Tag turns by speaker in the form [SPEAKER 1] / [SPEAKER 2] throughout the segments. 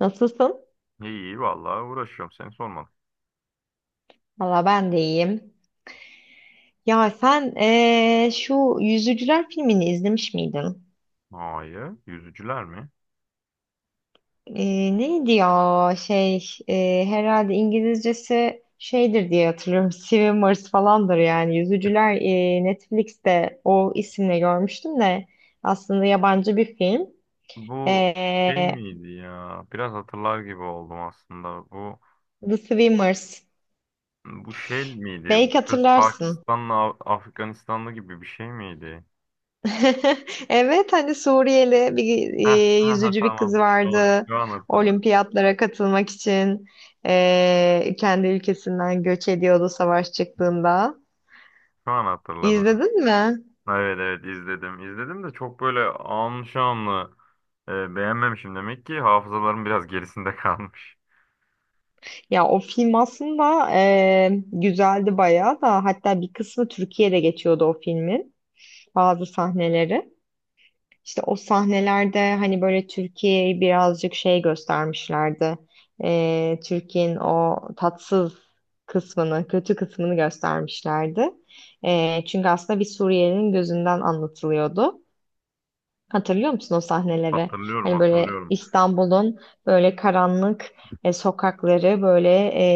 [SPEAKER 1] Nasılsın?
[SPEAKER 2] İyi vallahi uğraşıyorum, seni sormadım.
[SPEAKER 1] Valla ben de iyiyim. Ya sen şu Yüzücüler filmini izlemiş miydin?
[SPEAKER 2] Hayır, yüzücüler mi?
[SPEAKER 1] Neydi ya herhalde İngilizcesi şeydir diye hatırlıyorum. Swimmers falandır yani. Yüzücüler Netflix'te o isimle görmüştüm de aslında yabancı bir film.
[SPEAKER 2] Bu şey
[SPEAKER 1] Eee,
[SPEAKER 2] miydi ya? Biraz hatırlar gibi oldum aslında. Bu
[SPEAKER 1] The Swimmers.
[SPEAKER 2] şey miydi? Bu
[SPEAKER 1] Belki
[SPEAKER 2] kız
[SPEAKER 1] hatırlarsın.
[SPEAKER 2] Pakistanlı, Afganistanlı gibi bir şey miydi?
[SPEAKER 1] Evet, hani Suriyeli bir
[SPEAKER 2] Heh, ha
[SPEAKER 1] yüzücü bir kız
[SPEAKER 2] tamam.
[SPEAKER 1] vardı,
[SPEAKER 2] Şu an hatırladım.
[SPEAKER 1] olimpiyatlara katılmak için kendi ülkesinden göç ediyordu savaş çıktığında.
[SPEAKER 2] Şu an hatırladım.
[SPEAKER 1] İzledin mi?
[SPEAKER 2] Evet izledim. İzledim de çok böyle anlı şanlı beğenmemişim demek ki hafızalarım biraz gerisinde kalmış.
[SPEAKER 1] Ya o film aslında güzeldi bayağı da, hatta bir kısmı Türkiye'de geçiyordu o filmin bazı sahneleri. İşte o sahnelerde hani böyle Türkiye'yi birazcık şey göstermişlerdi. Türkiye'nin o tatsız kısmını, kötü kısmını göstermişlerdi. Çünkü aslında bir Suriyelinin gözünden anlatılıyordu. Hatırlıyor musun o sahneleri?
[SPEAKER 2] Hatırlıyorum,
[SPEAKER 1] Hani böyle
[SPEAKER 2] hatırlıyorum.
[SPEAKER 1] İstanbul'un böyle karanlık sokakları, böyle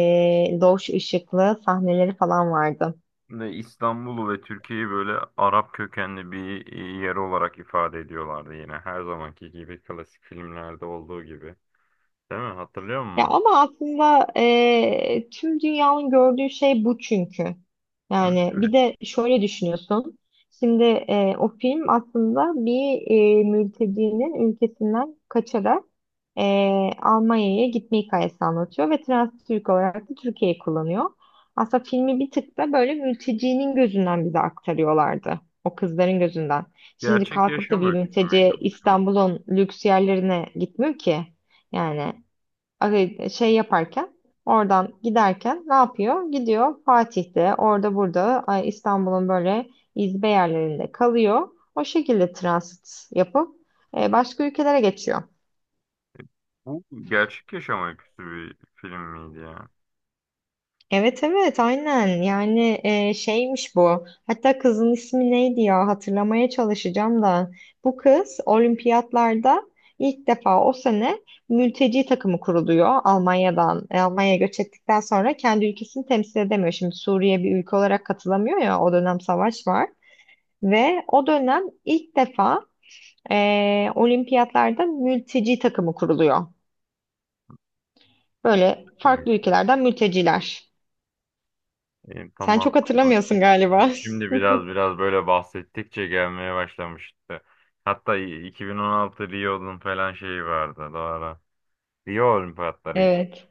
[SPEAKER 1] loş ışıklı sahneleri falan vardı.
[SPEAKER 2] Ne İstanbul'u ve Türkiye'yi böyle Arap kökenli bir yer olarak ifade ediyorlardı yine. Her zamanki gibi klasik filmlerde olduğu gibi. Değil mi? Hatırlıyor
[SPEAKER 1] Ya
[SPEAKER 2] musun?
[SPEAKER 1] ama aslında tüm dünyanın gördüğü şey bu çünkü.
[SPEAKER 2] Evet,
[SPEAKER 1] Yani bir
[SPEAKER 2] evet.
[SPEAKER 1] de şöyle düşünüyorsun. Şimdi o film aslında bir mültecinin ülkesinden kaçarak Almanya'ya gitme hikayesi anlatıyor ve trans Türk olarak da Türkiye'yi kullanıyor. Aslında filmi bir tık da böyle mültecinin gözünden bize aktarıyorlardı. O kızların gözünden. Şimdi
[SPEAKER 2] Gerçek
[SPEAKER 1] kalkıp da
[SPEAKER 2] yaşam
[SPEAKER 1] bir
[SPEAKER 2] öyküsü müydü
[SPEAKER 1] mülteci
[SPEAKER 2] bu film?
[SPEAKER 1] İstanbul'un lüks yerlerine gitmiyor ki. Yani. Şey yaparken oradan giderken ne yapıyor? Gidiyor Fatih'te orada burada, ay, İstanbul'un böyle izbe yerlerinde kalıyor. O şekilde transit yapıp başka ülkelere geçiyor.
[SPEAKER 2] Bu gerçek yaşam öyküsü bir film miydi ya?
[SPEAKER 1] Evet, evet, aynen yani, şeymiş bu, hatta kızın ismi neydi ya, hatırlamaya çalışacağım da bu kız olimpiyatlarda ilk defa o sene mülteci takımı kuruluyor Almanya'dan, Almanya'ya göç ettikten sonra kendi ülkesini temsil edemiyor, şimdi Suriye bir ülke olarak katılamıyor ya, o dönem savaş var ve o dönem ilk defa e, olimpiyatlarda mülteci takımı kuruluyor,
[SPEAKER 2] Hiç
[SPEAKER 1] böyle
[SPEAKER 2] çıkmadı.
[SPEAKER 1] farklı ülkelerden mülteciler.
[SPEAKER 2] E,
[SPEAKER 1] Sen
[SPEAKER 2] tamam
[SPEAKER 1] çok
[SPEAKER 2] tamam.
[SPEAKER 1] hatırlamıyorsun
[SPEAKER 2] Şimdi,
[SPEAKER 1] galiba.
[SPEAKER 2] şimdi şimdi biraz böyle bahsettikçe gelmeye başlamıştı. Hatta 2016 Rio'nun falan şeyi vardı. Doğru. Rio Olimpiyatları.
[SPEAKER 1] Evet.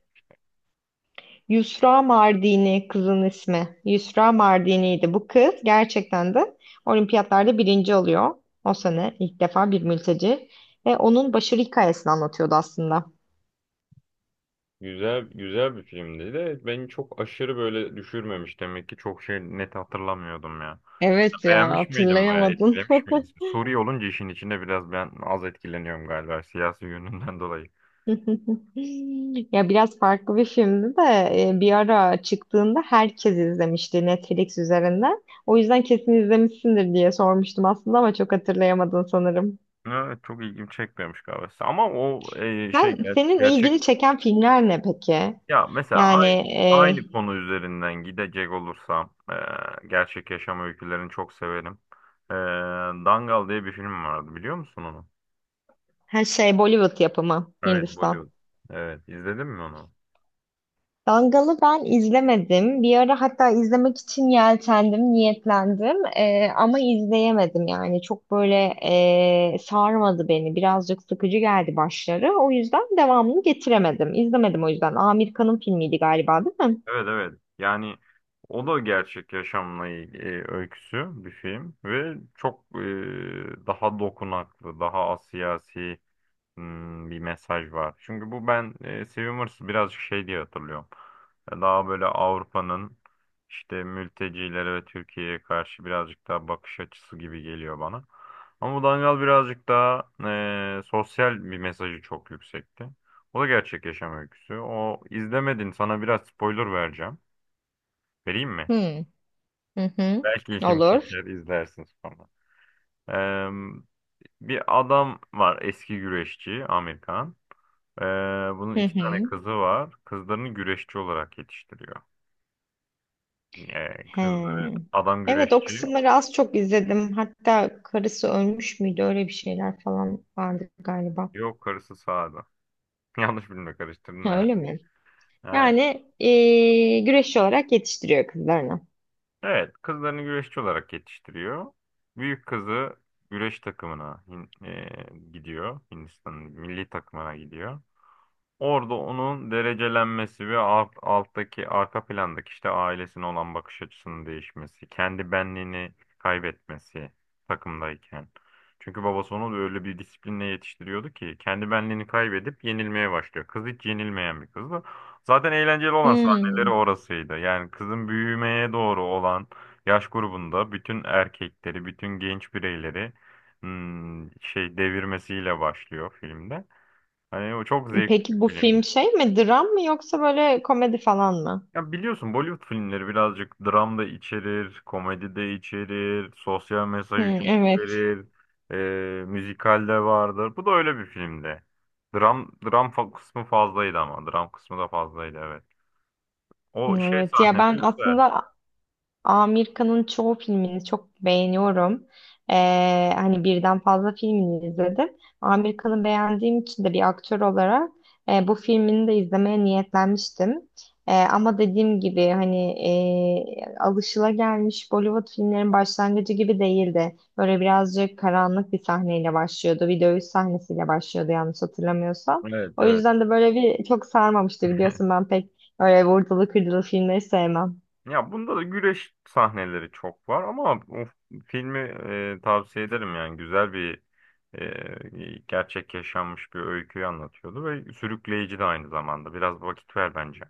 [SPEAKER 1] Yusra Mardini, kızın ismi. Yusra Mardini'ydi. Bu kız gerçekten de olimpiyatlarda birinci oluyor. O sene ilk defa bir mülteci. Ve onun başarı hikayesini anlatıyordu aslında.
[SPEAKER 2] Güzel, güzel bir filmdi de beni çok aşırı böyle düşürmemiş demek ki çok şey, net hatırlamıyordum ya.
[SPEAKER 1] Evet ya,
[SPEAKER 2] Beğenmiş miydin, bayağı
[SPEAKER 1] hatırlayamadın.
[SPEAKER 2] etkilemiş miydin? Suriye olunca işin içinde biraz ben az etkileniyorum galiba siyasi yönünden dolayı.
[SPEAKER 1] Ya biraz farklı bir filmdi de bir ara çıktığında herkes izlemişti Netflix üzerinden. O yüzden kesin izlemişsindir diye sormuştum aslında, ama çok hatırlayamadın sanırım.
[SPEAKER 2] Evet, çok ilgimi çekmemiş galiba. Ama o şey,
[SPEAKER 1] Senin
[SPEAKER 2] gerçek
[SPEAKER 1] ilgini çeken filmler ne peki?
[SPEAKER 2] ya. Mesela
[SPEAKER 1] Yani
[SPEAKER 2] aynı konu üzerinden gidecek olursam gerçek yaşam öykülerini çok severim. E, Dangal diye bir film vardı, biliyor musun onu?
[SPEAKER 1] her şey Bollywood yapımı,
[SPEAKER 2] Evet,
[SPEAKER 1] Hindistan.
[SPEAKER 2] Bollywood. Evet, izledin mi onu?
[SPEAKER 1] Dangal'ı ben izlemedim. Bir ara hatta izlemek için yeltendim, niyetlendim. Ama izleyemedim yani. Çok böyle sarmadı beni. Birazcık sıkıcı geldi başları. O yüzden devamını getiremedim. İzlemedim o yüzden. Amerikanın filmiydi galiba, değil mi?
[SPEAKER 2] Evet, evet. Yani o da gerçek yaşamla ilgili öyküsü bir film ve çok daha dokunaklı, daha asiyasi. Bir mesaj var. Çünkü bu ben Swimmers'ı birazcık şey diye hatırlıyorum. Daha böyle Avrupa'nın işte mültecilere ve Türkiye'ye karşı birazcık daha bakış açısı gibi geliyor bana. Ama bu Dangal birazcık daha sosyal bir mesajı çok yüksekti. O da gerçek yaşam öyküsü. O izlemedin. Sana biraz spoiler vereceğim. Vereyim mi?
[SPEAKER 1] Hmm. Hı hı.
[SPEAKER 2] Belki ilgini
[SPEAKER 1] Olur.
[SPEAKER 2] çeker, izlersin sonra. Eee, bir adam var, eski güreşçi Amerikan. Ee, bunun
[SPEAKER 1] Hı
[SPEAKER 2] iki tane
[SPEAKER 1] hı.
[SPEAKER 2] kızı var. Kızlarını güreşçi olarak yetiştiriyor. Kızları
[SPEAKER 1] He.
[SPEAKER 2] adam
[SPEAKER 1] Evet, o
[SPEAKER 2] güreşçi.
[SPEAKER 1] kısımları az çok izledim. Hatta karısı ölmüş müydü? Öyle bir şeyler falan vardı galiba.
[SPEAKER 2] Yok, karısı sağda. Yanlış bilme, karıştırdın
[SPEAKER 1] Ha,
[SPEAKER 2] herhalde.
[SPEAKER 1] öyle mi?
[SPEAKER 2] Ee,
[SPEAKER 1] Yani güreşçi olarak yetiştiriyor kızlarını.
[SPEAKER 2] evet, kızlarını güreşçi olarak yetiştiriyor. Büyük kızı güreş takımına gidiyor. Hindistan'ın milli takımına gidiyor. Orada onun derecelenmesi ve alttaki arka plandaki işte ailesine olan bakış açısının değişmesi, kendi benliğini kaybetmesi takımdayken. Çünkü babası onu da öyle bir disiplinle yetiştiriyordu ki kendi benliğini kaybedip yenilmeye başlıyor. Kız hiç yenilmeyen bir kızdı. Zaten eğlenceli olan sahneleri
[SPEAKER 1] Hmm.
[SPEAKER 2] orasıydı. Yani kızın büyümeye doğru olan yaş grubunda bütün erkekleri, bütün genç bireyleri şey devirmesiyle başlıyor filmde. Hani o çok zevkli bir
[SPEAKER 1] Peki bu film
[SPEAKER 2] filmdi.
[SPEAKER 1] şey mi? Dram mı yoksa böyle komedi falan mı?
[SPEAKER 2] Ya biliyorsun, Bollywood filmleri birazcık dram da içerir, komedi de içerir, sosyal mesajı
[SPEAKER 1] Hmm,
[SPEAKER 2] çok
[SPEAKER 1] evet.
[SPEAKER 2] verir, müzikal de vardır. Bu da öyle bir filmdi. Kısmı fazlaydı ama. Dram kısmı da fazlaydı, evet. O şey
[SPEAKER 1] Evet. Ya ben
[SPEAKER 2] sahneleri güzel.
[SPEAKER 1] aslında Amerika'nın çoğu filmini çok beğeniyorum. Hani birden fazla filmini izledim. Amerika'nı beğendiğim için de bir aktör olarak bu filmini de izlemeye niyetlenmiştim. Ama dediğim gibi hani alışılagelmiş Bollywood filmlerin başlangıcı gibi değildi. Böyle birazcık karanlık bir sahneyle başlıyordu. Bir dövüş sahnesiyle başlıyordu yanlış hatırlamıyorsam.
[SPEAKER 2] Evet,
[SPEAKER 1] O
[SPEAKER 2] evet.
[SPEAKER 1] yüzden de böyle bir çok sarmamıştı, biliyorsun ben pek öyle vurdulu kırdılı filmleri sevmem.
[SPEAKER 2] Ya bunda da güreş sahneleri çok var ama o filmi tavsiye ederim, yani güzel bir gerçek yaşanmış bir öyküyü anlatıyordu ve sürükleyici de aynı zamanda. Biraz vakit ver bence.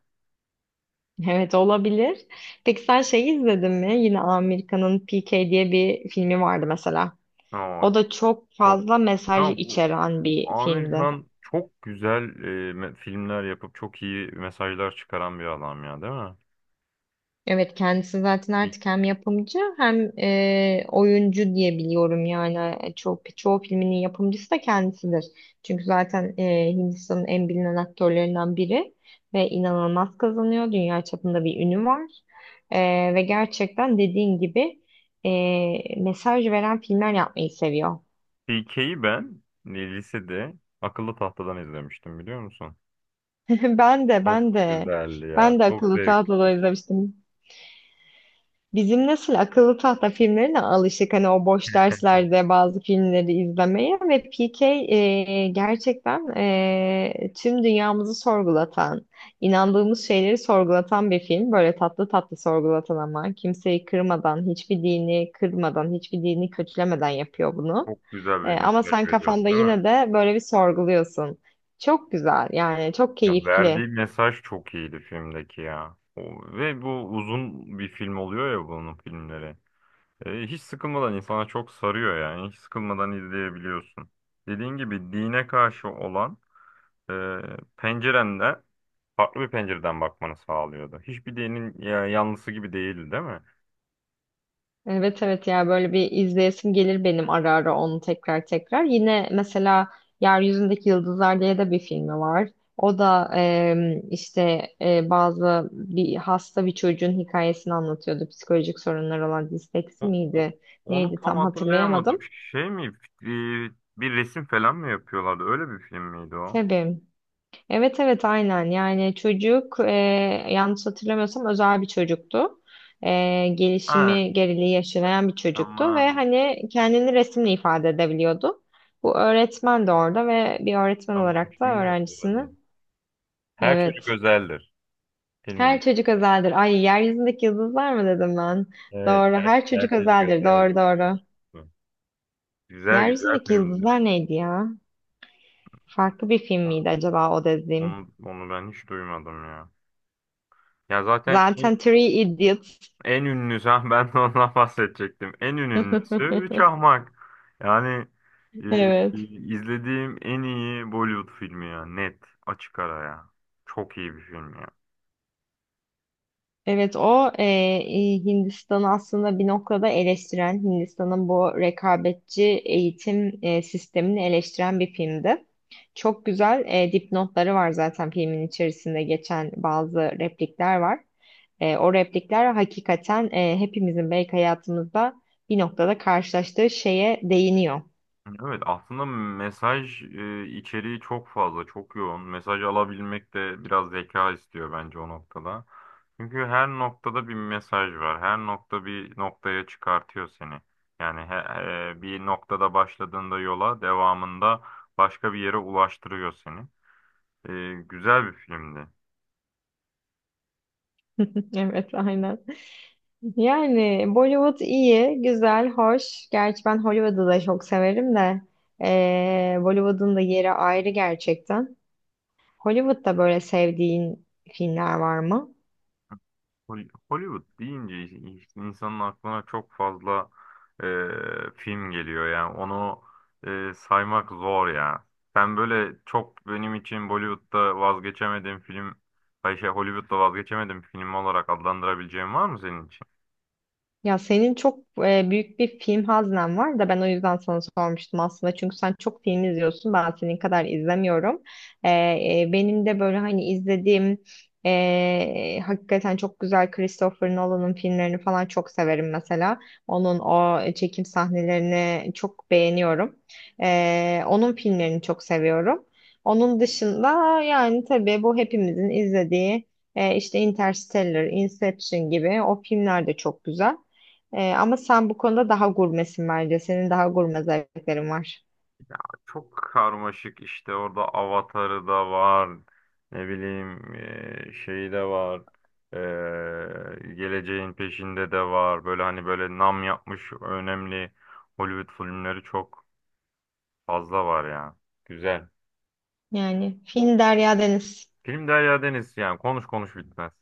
[SPEAKER 1] Evet, olabilir. Peki sen şeyi izledin mi? Yine Amerika'nın PK diye bir filmi vardı mesela.
[SPEAKER 2] Aa,
[SPEAKER 1] O da çok
[SPEAKER 2] çok.
[SPEAKER 1] fazla mesaj
[SPEAKER 2] Ya bu
[SPEAKER 1] içeren bir
[SPEAKER 2] Amir
[SPEAKER 1] filmdi.
[SPEAKER 2] Khan çok güzel filmler yapıp çok iyi mesajlar çıkaran bir adam ya, değil mi?
[SPEAKER 1] Evet, kendisi zaten artık hem yapımcı hem oyuncu diye biliyorum yani, çok çoğu filminin yapımcısı da kendisidir. Çünkü zaten Hindistan'ın en bilinen aktörlerinden biri ve inanılmaz kazanıyor. Dünya çapında bir ünü var. Ve gerçekten dediğin gibi mesaj veren filmler yapmayı seviyor.
[SPEAKER 2] PK'yi ben lisede akıllı tahtadan izlemiştim, biliyor musun?
[SPEAKER 1] Ben de
[SPEAKER 2] Çok
[SPEAKER 1] ben de
[SPEAKER 2] güzeldi ya.
[SPEAKER 1] Ben de
[SPEAKER 2] Çok
[SPEAKER 1] akıllı
[SPEAKER 2] zevk.
[SPEAKER 1] tahtaları izlemiştim. Bizim nesil akıllı tahta filmlerine alışık, hani o boş derslerde bazı filmleri izlemeye, ve PK gerçekten tüm dünyamızı sorgulatan, inandığımız şeyleri sorgulatan bir film. Böyle tatlı tatlı sorgulatan, ama kimseyi kırmadan, hiçbir dini kırmadan, hiçbir dini kötülemeden yapıyor bunu.
[SPEAKER 2] Çok güzel bir
[SPEAKER 1] Ama
[SPEAKER 2] mesaj
[SPEAKER 1] sen
[SPEAKER 2] veriyordu,
[SPEAKER 1] kafanda
[SPEAKER 2] değil mi?
[SPEAKER 1] yine de böyle bir sorguluyorsun. Çok güzel yani, çok
[SPEAKER 2] Ya verdiği
[SPEAKER 1] keyifli.
[SPEAKER 2] mesaj çok iyiydi filmdeki ya. Ve bu uzun bir film oluyor ya, bunun filmleri. E, hiç sıkılmadan insana çok sarıyor yani. Hiç sıkılmadan izleyebiliyorsun. Dediğin gibi dine karşı olan e, pencerende farklı bir pencereden bakmanı sağlıyordu. Hiçbir dinin ya, yanlısı gibi değildi değil mi?
[SPEAKER 1] Evet, evet ya, böyle bir izleyesim gelir benim ara ara onu tekrar tekrar. Yine mesela Yeryüzündeki Yıldızlar diye de bir filmi var. O da işte bazı bir hasta bir çocuğun hikayesini anlatıyordu. Psikolojik sorunlar olan, disleksi
[SPEAKER 2] O, o-
[SPEAKER 1] miydi?
[SPEAKER 2] onu
[SPEAKER 1] Neydi
[SPEAKER 2] tam
[SPEAKER 1] tam
[SPEAKER 2] hatırlayamadım.
[SPEAKER 1] hatırlayamadım.
[SPEAKER 2] Şey mi? e, bir resim falan mı yapıyorlardı? Öyle bir film miydi o?
[SPEAKER 1] Tabii. Evet, evet, aynen yani, çocuk yanlış hatırlamıyorsam özel bir çocuktu.
[SPEAKER 2] Ha,
[SPEAKER 1] Gelişimi geriliği yaşayan bir çocuktu ve
[SPEAKER 2] tamam.
[SPEAKER 1] hani kendini resimle ifade edebiliyordu. Bu öğretmen de orada, ve bir öğretmen
[SPEAKER 2] Tamam.
[SPEAKER 1] olarak da
[SPEAKER 2] Şimdi
[SPEAKER 1] öğrencisini.
[SPEAKER 2] hatırladım. Her çocuk
[SPEAKER 1] Evet.
[SPEAKER 2] özeldir.
[SPEAKER 1] Her
[SPEAKER 2] Filmin.
[SPEAKER 1] çocuk özeldir. Ay, yeryüzündeki yıldızlar mı dedim ben?
[SPEAKER 2] Evet.
[SPEAKER 1] Doğru. Her
[SPEAKER 2] Her
[SPEAKER 1] çocuk
[SPEAKER 2] çocuk
[SPEAKER 1] özeldir. Doğru,
[SPEAKER 2] özeldir.
[SPEAKER 1] doğru.
[SPEAKER 2] Güzel, güzel
[SPEAKER 1] Yeryüzündeki
[SPEAKER 2] filmdi.
[SPEAKER 1] yıldızlar neydi ya? Farklı bir film miydi acaba o dediğim?
[SPEAKER 2] Onu ben hiç duymadım ya. Ya zaten en,
[SPEAKER 1] Zaten Three Idiots.
[SPEAKER 2] en ünlüsü, ha, ben de ondan bahsedecektim. En ünlüsü Üç Ahmak. Yani e, e,
[SPEAKER 1] Evet.
[SPEAKER 2] izlediğim en iyi Bollywood filmi ya. Net, açık ara ya. Çok iyi bir film ya.
[SPEAKER 1] Evet, o Hindistan'ı aslında bir noktada eleştiren, Hindistan'ın bu rekabetçi eğitim sistemini eleştiren bir filmdi. Çok güzel dipnotları var, zaten filmin içerisinde geçen bazı replikler var. O replikler hakikaten hepimizin belki hayatımızda bir noktada karşılaştığı şeye değiniyor.
[SPEAKER 2] Evet, aslında mesaj içeriği çok fazla, çok yoğun. Mesaj alabilmek de biraz zeka istiyor bence o noktada. Çünkü her noktada bir mesaj var. Her nokta bir noktaya çıkartıyor seni. Yani bir noktada başladığında yola devamında başka bir yere ulaştırıyor seni. E, güzel bir filmdi.
[SPEAKER 1] Evet, aynen. Yani Bollywood iyi, güzel, hoş. Gerçi ben Hollywood'u da çok severim de Bollywood'un da yeri ayrı gerçekten. Hollywood'da böyle sevdiğin filmler var mı?
[SPEAKER 2] Hollywood deyince insanın aklına çok fazla e, film geliyor, yani onu saymak zor ya. Ben böyle çok benim için Bollywood'da vazgeçemediğim film, ay şey, Hollywood'da vazgeçemediğim film olarak adlandırabileceğim var mı senin için?
[SPEAKER 1] Ya senin çok büyük bir film haznen var da, ben o yüzden sana sormuştum aslında. Çünkü sen çok film izliyorsun. Ben senin kadar izlemiyorum. E, Benim de böyle hani izlediğim hakikaten çok güzel, Christopher Nolan'ın filmlerini falan çok severim mesela. Onun o çekim sahnelerini çok beğeniyorum. Onun filmlerini çok seviyorum. Onun dışında yani tabii bu hepimizin izlediği işte Interstellar, Inception gibi o filmler de çok güzel. Ama sen bu konuda daha gurmesin bence. Senin daha gurme zevklerin var.
[SPEAKER 2] Çok karmaşık, işte orada avatarı da var. Ne bileyim şeyi de var. Geleceğin peşinde de var. Böyle hani böyle nam yapmış önemli Hollywood filmleri çok fazla var ya. Güzel.
[SPEAKER 1] Yani film Derya Deniz.
[SPEAKER 2] Film Derya Deniz, yani konuş konuş bitmez.